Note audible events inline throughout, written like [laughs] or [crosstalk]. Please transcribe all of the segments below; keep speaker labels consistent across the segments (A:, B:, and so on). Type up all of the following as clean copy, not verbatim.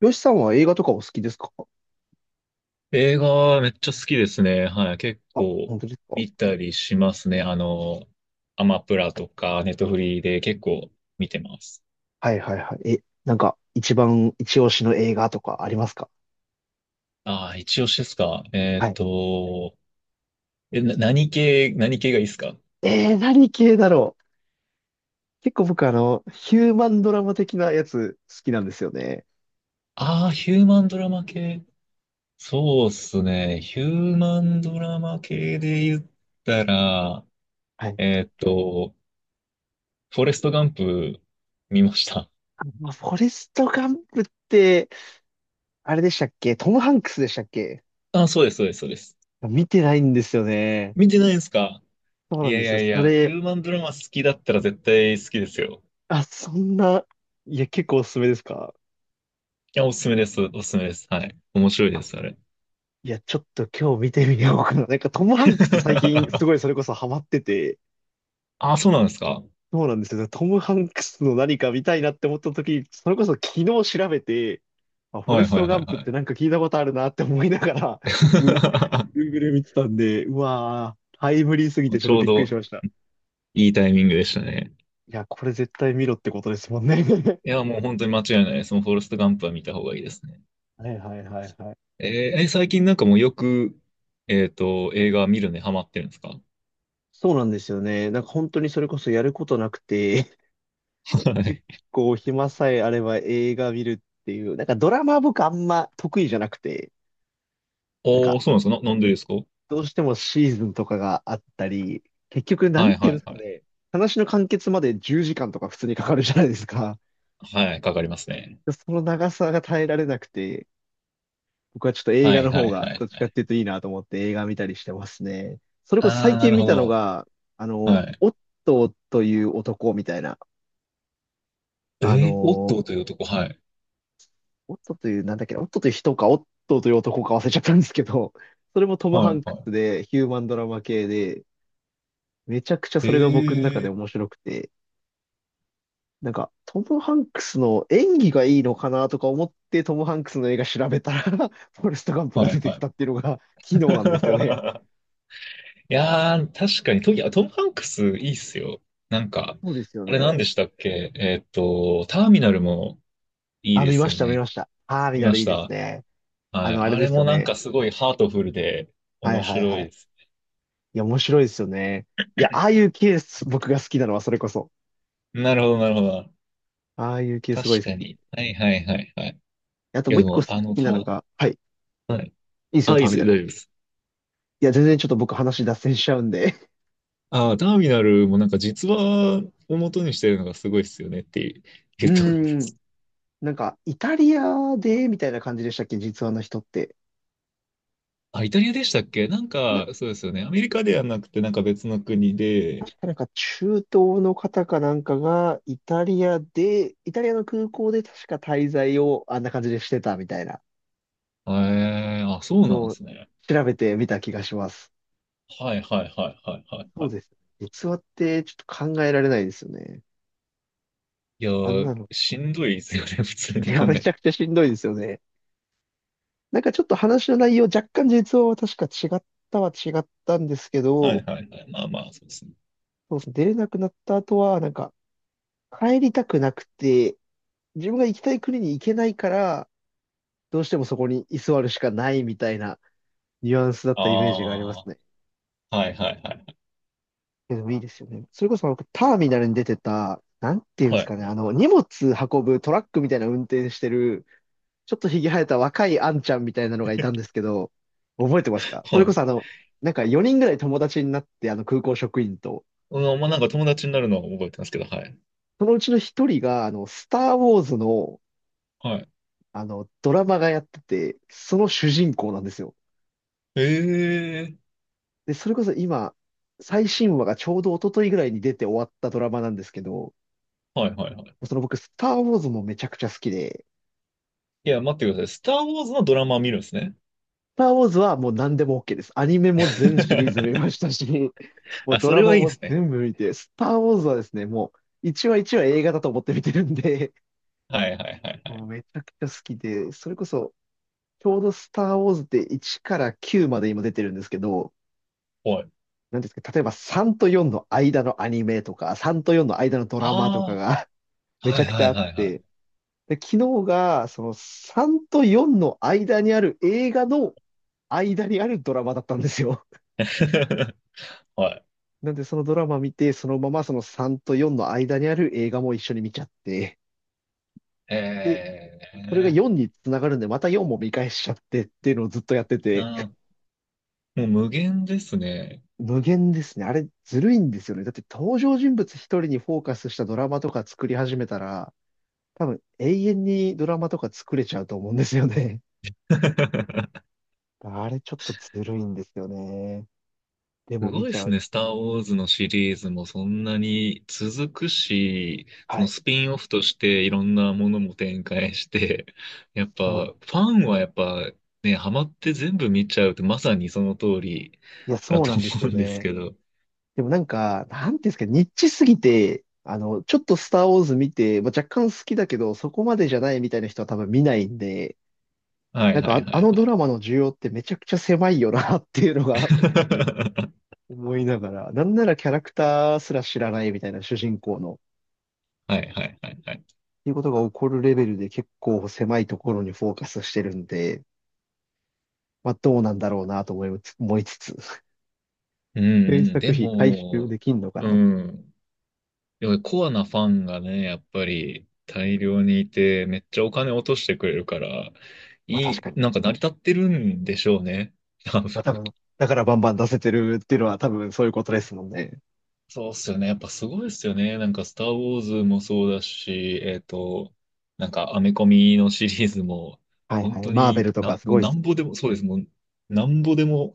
A: よしさんは映画とかお好きですか？
B: 映画めっちゃ好きですね。はい。結
A: あ、
B: 構
A: 本当ですか？
B: 見たりしますね。アマプラとかネットフリーで結構見てます。
A: はいはいはい。え、なんか、一番一押しの映画とかありますか？
B: ああ、一押しですか。
A: はい。
B: 何系がいいですか？
A: 何系だろう。結構僕、ヒューマンドラマ的なやつ好きなんですよね。
B: ああー、ヒューマンドラマ系。そうっすね。ヒューマンドラマ系で言ったら、
A: はい。
B: えっと、フォレストガンプ見ました。
A: あ、まあ、フォレスト・ガンプって、あれでしたっけ？トム・ハンクスでしたっけ？
B: ああ、そうです、そうです、そうです。
A: 見てないんですよね。
B: 見てないですか？
A: そう
B: い
A: なん
B: や
A: で
B: い
A: すよ。
B: やい
A: そ
B: や、ヒ
A: れ、
B: ューマンドラマ好きだったら絶対好きですよ。
A: あ、そんな、いや、結構おすすめですか？
B: いや、おすすめです。おすすめです。はい。面白いで
A: あ、
B: す、あれ。
A: いや、ちょっと今日見てみようかな。トム・ハンクス最近す
B: [laughs]
A: ごいそれこそハマってて、
B: あ、そうなんですか。
A: そうなんですよ。トム・ハンクスの何か見たいなって思った時、それこそ昨日調べて、あ、フォ
B: は
A: レ
B: い
A: ス
B: は
A: ト・
B: い
A: ガ
B: はい
A: ンプっ
B: は
A: て
B: い。
A: なんか聞いたことあるなって思いながら、グ、Google 見てたんで、うわー、タイムリーすぎ
B: [laughs]
A: てちょっ
B: ち
A: と
B: ょう
A: びっくり
B: ど
A: しました。
B: いいタイミングでしたね。
A: いや、これ絶対見ろってことですもんね。[laughs]
B: いや、もう本当に間違いないです。もうフォレストガンプは見た方がいいですね。
A: はいはいはいはい。
B: えーえ最近なんかもうよく、映画見るのにハマってるんですか？
A: そうなんですよね。なんか本当にそれこそやることなくて、
B: は
A: [laughs] 結
B: い。
A: 構暇さえあれば映画見るっていう、なんかドラマ僕あんま得意じゃなくて、なん
B: お
A: か
B: ー、そうなんですかな、なんでですか？
A: どうしてもシーズンとかがあったり、結局、な
B: は
A: ん
B: い
A: てい
B: は
A: うんで
B: い
A: すか
B: はい。
A: ね、話の完結まで10時間とか普通にかかるじゃないですか。
B: はい、かかりますね。
A: でその長さが耐えられなくて、僕はちょっと映
B: は
A: 画
B: い
A: の
B: は
A: 方
B: いは
A: がど
B: い
A: っち
B: は
A: かっ
B: い。
A: ていうといいなと思って映画見たりしてますね。それこそ
B: あ
A: 最
B: ー、な
A: 近
B: る
A: 見
B: ほ
A: たの
B: ど。
A: が、
B: はい。
A: オットーという男みたいな、あ
B: えー、オッ
A: の、
B: トーという男、はい。
A: オットーという、なんだっけな、オットーという人か、オットーという男か忘れちゃったんですけど、[laughs] それもトム・
B: は
A: ハ
B: い
A: ンク
B: は
A: スでヒューマンドラマ系で、めちゃくちゃ
B: い。え
A: それが僕の中
B: え
A: で面
B: ー
A: 白くて、トム・ハンクスの演技がいいのかなとか思って、トム・ハンクスの映画調べたら [laughs] フォレスト・ガンプ
B: は
A: が
B: い
A: 出てき
B: はい。
A: たっていうのが、昨日なんですよね。
B: [laughs] いやー、確かにト、いや、トム・ハンクスいいっすよ。なんか、
A: そうですよ
B: あれ
A: ね。
B: 何でしたっけ、ターミナルもいい
A: あ、
B: で
A: 見ま
B: す
A: し
B: よ
A: た、見ま
B: ね。
A: した。あー見
B: 見
A: な
B: ま
A: らい
B: し
A: いです
B: た。
A: ね。
B: はい。
A: あれ
B: あ
A: で
B: れ
A: すよ
B: もなん
A: ね。
B: かすごいハートフルで
A: はい
B: 面
A: はい
B: 白
A: は
B: い
A: い。
B: です。
A: いや、面白いですよね。いや、ああいう系、僕が好きなのはそれこそ。
B: なるほど、なるほど。
A: ああいう系すご
B: 確
A: い好
B: か
A: き。
B: に。はいはいはいはい。
A: あと
B: い
A: も
B: や、
A: う
B: で
A: 一個
B: も、
A: 好きなのが、はい、い
B: はい。
A: いですよ、
B: あ、い
A: タ
B: いで
A: ーミ
B: す、
A: ナ
B: 大
A: ル。
B: 丈夫です。
A: いや、全然ちょっと僕話脱線しちゃうんで。
B: ああ、ターミナルもなんか実話を元にしてるのがすごいっすよねってい
A: [laughs] う
B: うところで
A: ーん。
B: す。
A: イタリアで、みたいな感じでしたっけ、実話の人って。
B: あ、イタリアでしたっけ、なん
A: な
B: か、そうですよね。アメリカではなくて、なんか別の国で。
A: 確かなんか中東の方かなんかが、イタリアで、イタリアの空港で確か滞在をあんな感じでしてたみたいな
B: ええ、あ、そう
A: の
B: なんで
A: を
B: すね。
A: 調べてみた気がします。
B: はいはいはいはいはい
A: そ
B: は
A: う
B: い。
A: ですね。実話ってちょっと考えられないですよね。
B: いや
A: あん
B: ー、
A: なの。
B: しんどいですよね、[laughs] 普通
A: い
B: に
A: や、
B: 考
A: め
B: え
A: ち
B: て。
A: ゃくちゃしんどいですよね。なんかちょっと話の内容、若干実話は確か違ったは違ったんですけ
B: はい
A: ど、
B: はいはい。まあまあ、そうですね。
A: そうですね、出れなくなった後は、なんか帰りたくなくて、自分が行きたい国に行けないから、どうしてもそこに居座るしかないみたいな。ニュアンスだっ
B: あ
A: たイメージがありますね。
B: あ、はいはいはい
A: でもいいですよね。それこそ僕、ターミナルに出てた、なんていうんで
B: は
A: す
B: い。
A: かね、荷物運ぶトラックみたいな運転してる、ちょっとひげ生えた若いあんちゃんみたいなのがいたんですけど、覚えてますか？そ
B: は
A: れこ
B: い。
A: そなんか4人ぐらい友達になって、あの空港職員と、
B: うん、まあなんか友達になるのは覚えてますけど、はい。
A: そのうちの1人が、スター・ウォーズの、
B: はい。
A: ドラマがやってて、その主人公なんですよ。
B: ええ、
A: で、それこそ今、最新話がちょうど一昨日ぐらいに出て終わったドラマなんですけど、
B: はいはいはい。
A: その僕、スター・ウォーズもめちゃくちゃ好きで、
B: いや、待ってください。スター・ウォーズのドラマを見るんですね？
A: スター・ウォーズはもう何でも OK です。アニメも全シリーズ見まし
B: [laughs]
A: たし、[laughs] もう
B: あ、
A: ド
B: そ
A: ラ
B: れ
A: マ
B: はいいんで
A: も
B: すね。
A: 全部見て、スター・ウォーズはですね、もう一話一話映画だと思って見てるんで、
B: はいはいはい
A: [laughs]
B: は
A: もう
B: い。
A: めちゃくちゃ好きで、それこそ、ちょうどスター・ウォーズって1から9まで今出てるんですけど、
B: はい。
A: なんですか、例えば3と4の間のアニメとか、3と4の間のドラマとか
B: あ
A: が [laughs]
B: あ、
A: めち
B: は
A: ゃ
B: い
A: くち
B: は
A: ゃあ
B: い
A: っ
B: はいは
A: て、
B: い。
A: で、昨日が、その3と4の間にある映画の間にあるドラマだったんですよ。
B: [laughs] はい。
A: [laughs] なんでそのドラマ見て、そのままその3と4の間にある映画も一緒に見ちゃって、で、
B: え
A: それが
B: え
A: 4につながるんで、また4も見返しちゃってっていうのをずっとやってて、
B: あー、もう無限ですね。
A: 無限ですね。あれ、ずるいんですよね。だって登場人物一人にフォーカスしたドラマとか作り始めたら、多分永遠にドラマとか作れちゃうと思うんですよね。
B: [laughs]
A: [laughs] あれちょっとずるいんですよね。で
B: す
A: も
B: ご
A: 見
B: いで
A: ちゃ
B: すね。
A: う。
B: スター・ウォーズのシリーズもそんなに続くし、そ
A: は
B: の
A: い。
B: スピンオフとしていろんなものも展開して、やっぱ
A: そう、
B: ファンはやっぱね、ハマって全部見ちゃうってまさにその通り
A: いや、
B: だ
A: そう
B: と
A: なんです
B: 思
A: よ
B: うんです
A: ね。
B: けど。
A: でもなんか、なんていうんですか、ニッチすぎて、ちょっとスターウォーズ見て、まあ、若干好きだけど、そこまでじゃないみたいな人は多分見ないんで、
B: はいはいは
A: あのド
B: い
A: ラマの需要ってめちゃくちゃ狭いよなっていうのが
B: [laughs] は
A: [laughs] 思いながら、なんならキャラクターすら知らないみたいな主人公の、っ
B: いはいはいはい。
A: ていうことが起こるレベルで結構狭いところにフォーカスしてるんで、まあ、どうなんだろうなと思いつつ、[laughs]
B: うんう
A: 制
B: ん、
A: 作
B: で
A: 費回収
B: も、
A: できんのか
B: う
A: な。
B: ん。でもコアなファンがね、やっぱり大量にいて、めっちゃお金落としてくれるから、
A: まあ確かに。
B: なんか成り立ってるんでしょうね。[laughs] 多分
A: まあ多分、だからバンバン出せてるっていうのは多分そういうことですもんね。
B: そうっすよね。やっぱすごいっすよね。なんか、スター・ウォーズもそうだし、なんか、アメコミのシリーズも、
A: はい
B: 本
A: はい。
B: 当
A: マーベル
B: に
A: と
B: な、
A: かす
B: もう
A: ごいっ
B: な
A: す。
B: んぼでも、そうです。もう、なんぼでも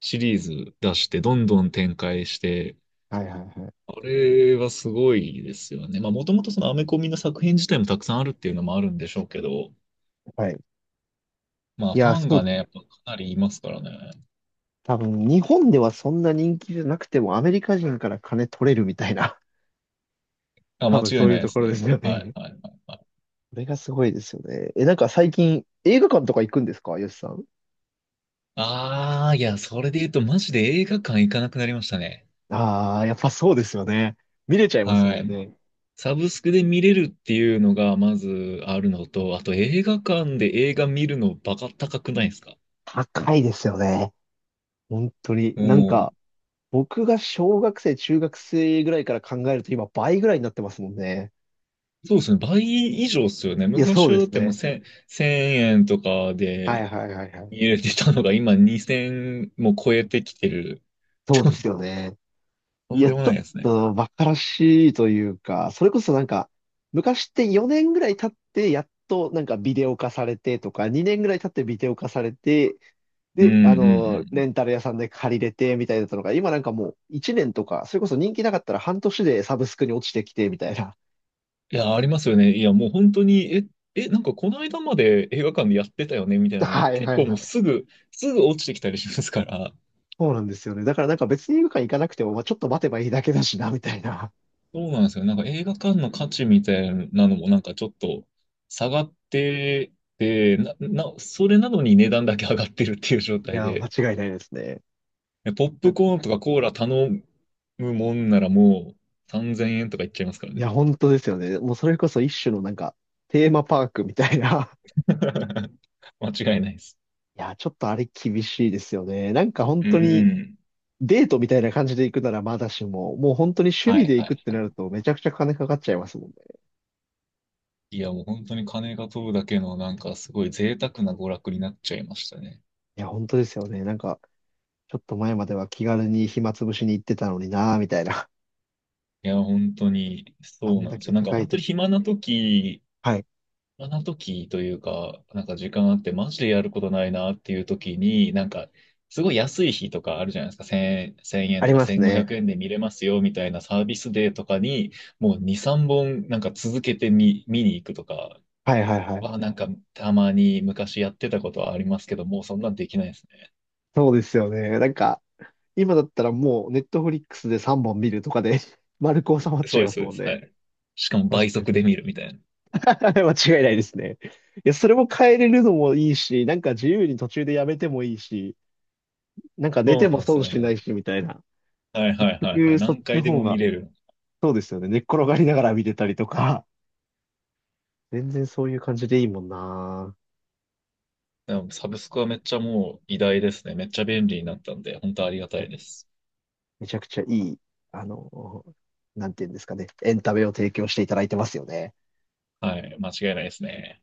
B: シリーズ出して、どんどん展開して、
A: はいはいはい。
B: あれはすごいですよね。まあ、もともとそのアメコミの作品自体もたくさんあるっていうのもあるんでしょうけど、
A: はい。
B: まあ、
A: い
B: フ
A: や、
B: ァン
A: そう
B: が
A: で
B: ね、
A: す。
B: やっぱかなりいますからね。
A: 多分、日本ではそんな人気じゃなくても、アメリカ人から金取れるみたいな、[laughs]
B: あ、
A: 多
B: 間
A: 分
B: 違
A: そ
B: い
A: うい
B: な
A: う
B: いで
A: とこ
B: す
A: ろです
B: ね。
A: よ
B: はい、
A: ね。
B: はい、はい。はい、
A: それがすごいですよね。なんか最近、映画館とか行くんですか、よしさん。
B: ああ、いや、それで言うと、マジで映画館行かなくなりましたね。
A: ああ、やっぱそうですよね。見れちゃいます
B: は
A: もん
B: い。
A: ね。
B: サブスクで見れるっていうのが、まずあるのと、あと映画館で映画見るのバカ高くないですか？
A: 高いですよね。本当に。
B: も
A: 僕が小学生、中学生ぐらいから考えると、今倍ぐらいになってますもんね。
B: う、そうですね。倍以上ですよね。
A: いや、そ
B: 昔
A: う
B: は
A: で
B: だっ
A: す
B: てもう1
A: ね。
B: 1000円とか
A: は
B: で、
A: いはいはいはい。
B: 入れてたのが今2000も超えてきてる。
A: そうですよ
B: [laughs]
A: ね。
B: と
A: い
B: ん
A: や、
B: でも
A: ちょ
B: ない
A: っ
B: ですね。
A: と馬鹿らしいというか、それこそなんか、昔って4年ぐらい経って、やっとなんかビデオ化されてとか、2年ぐらい経ってビデオ化されて、
B: うん
A: で、
B: うんう
A: レ
B: ん。
A: ンタル屋さんで借りれてみたいだったのが、今なんかもう1年とか、それこそ人気なかったら半年でサブスクに落ちてきてみたいな。
B: いや、ありますよね。いや、もう本当に、なんかこの間まで映画館でやってたよねみたいなのが
A: はい
B: 結
A: はい
B: 構
A: は
B: もう
A: い。
B: すぐ、すぐ落ちてきたりしますから、
A: そうなんですよね。だからなんか別に映画館行かなくても、まあ、ちょっと待てばいいだけだしな、みたいな。
B: そうなんですよ。なんか映画館の価値みたいなのもなんかちょっと下がってて、それなのに値段だけ上がってるっていう状
A: い
B: 態
A: や、間
B: で、
A: 違いないですね。
B: ポッ
A: な
B: プ
A: んか、
B: コーンとかコーラ頼むもんならもう3000円とかいっちゃいますから
A: い
B: ね。
A: や、本当ですよね。もうそれこそ一種のなんか、テーマパークみたいな。
B: [laughs] 間違いないです。
A: いや、ちょっとあれ厳しいですよね。なんか本
B: う
A: 当に
B: ん。
A: デートみたいな感じで行くならまだしも、もう本当に趣
B: は
A: 味
B: い
A: で
B: は
A: 行くっ
B: い
A: て
B: は
A: な
B: い。
A: るとめちゃくちゃ金かかっちゃいますもんね。
B: いや、もう本当に金が飛ぶだけの、なんかすごい贅沢な娯楽になっちゃいましたね。
A: いや、本当ですよね。ちょっと前までは気軽に暇つぶしに行ってたのになぁ、みたいな。
B: いや、本当に、
A: [laughs] あ
B: そう
A: ん
B: なん
A: だ
B: です
A: け
B: よ。なんか
A: 高い
B: 本当
A: と。
B: に暇な時、
A: はい。
B: 暇な時というか、なんか時間あって、マジでやることないなっていう時に、なんか、すごい安い日とかあるじゃないですか。1000、円
A: あ
B: と
A: り
B: か
A: ます
B: 1500
A: ね。
B: 円で見れますよみたいなサービスデーとかに、もう2、3本なんか続けて見に行くとか、
A: はいはいはい。
B: なんか、たまに昔やってたことはありますけど、もうそんなんできないですね。
A: そうですよね。今だったらもうネットフリックスで3本見るとかで [laughs] 丸く収まっち
B: そ
A: ゃ
B: う
A: い
B: で
A: ま
B: す、
A: す
B: そう
A: も
B: で
A: ん
B: す。は
A: ね。
B: い。しかも倍
A: 確かに。
B: 速で見るみたいな。
A: [laughs] はい、間違いないですね。いや、それも変えれるのもいいし、なんか自由に途中でやめてもいいし、なんか寝
B: そう
A: ても
B: なんです
A: 損
B: よ
A: しな
B: ね。
A: いし、みたいな。
B: はいは
A: 結
B: いはいは
A: 局、
B: い。
A: そっ
B: 何
A: ちの
B: 回で
A: 方
B: も見
A: が、
B: れる。
A: そうですよね。寝っ転がりながら見てたりとか、全然そういう感じでいいもんな。
B: でもサブスクはめっちゃもう偉大ですね。めっちゃ便利になったんで、本当ありがたいです。
A: めちゃくちゃいい、あの、なんていうんですかね。エンタメを提供していただいてますよね。
B: はい。間違いないですね。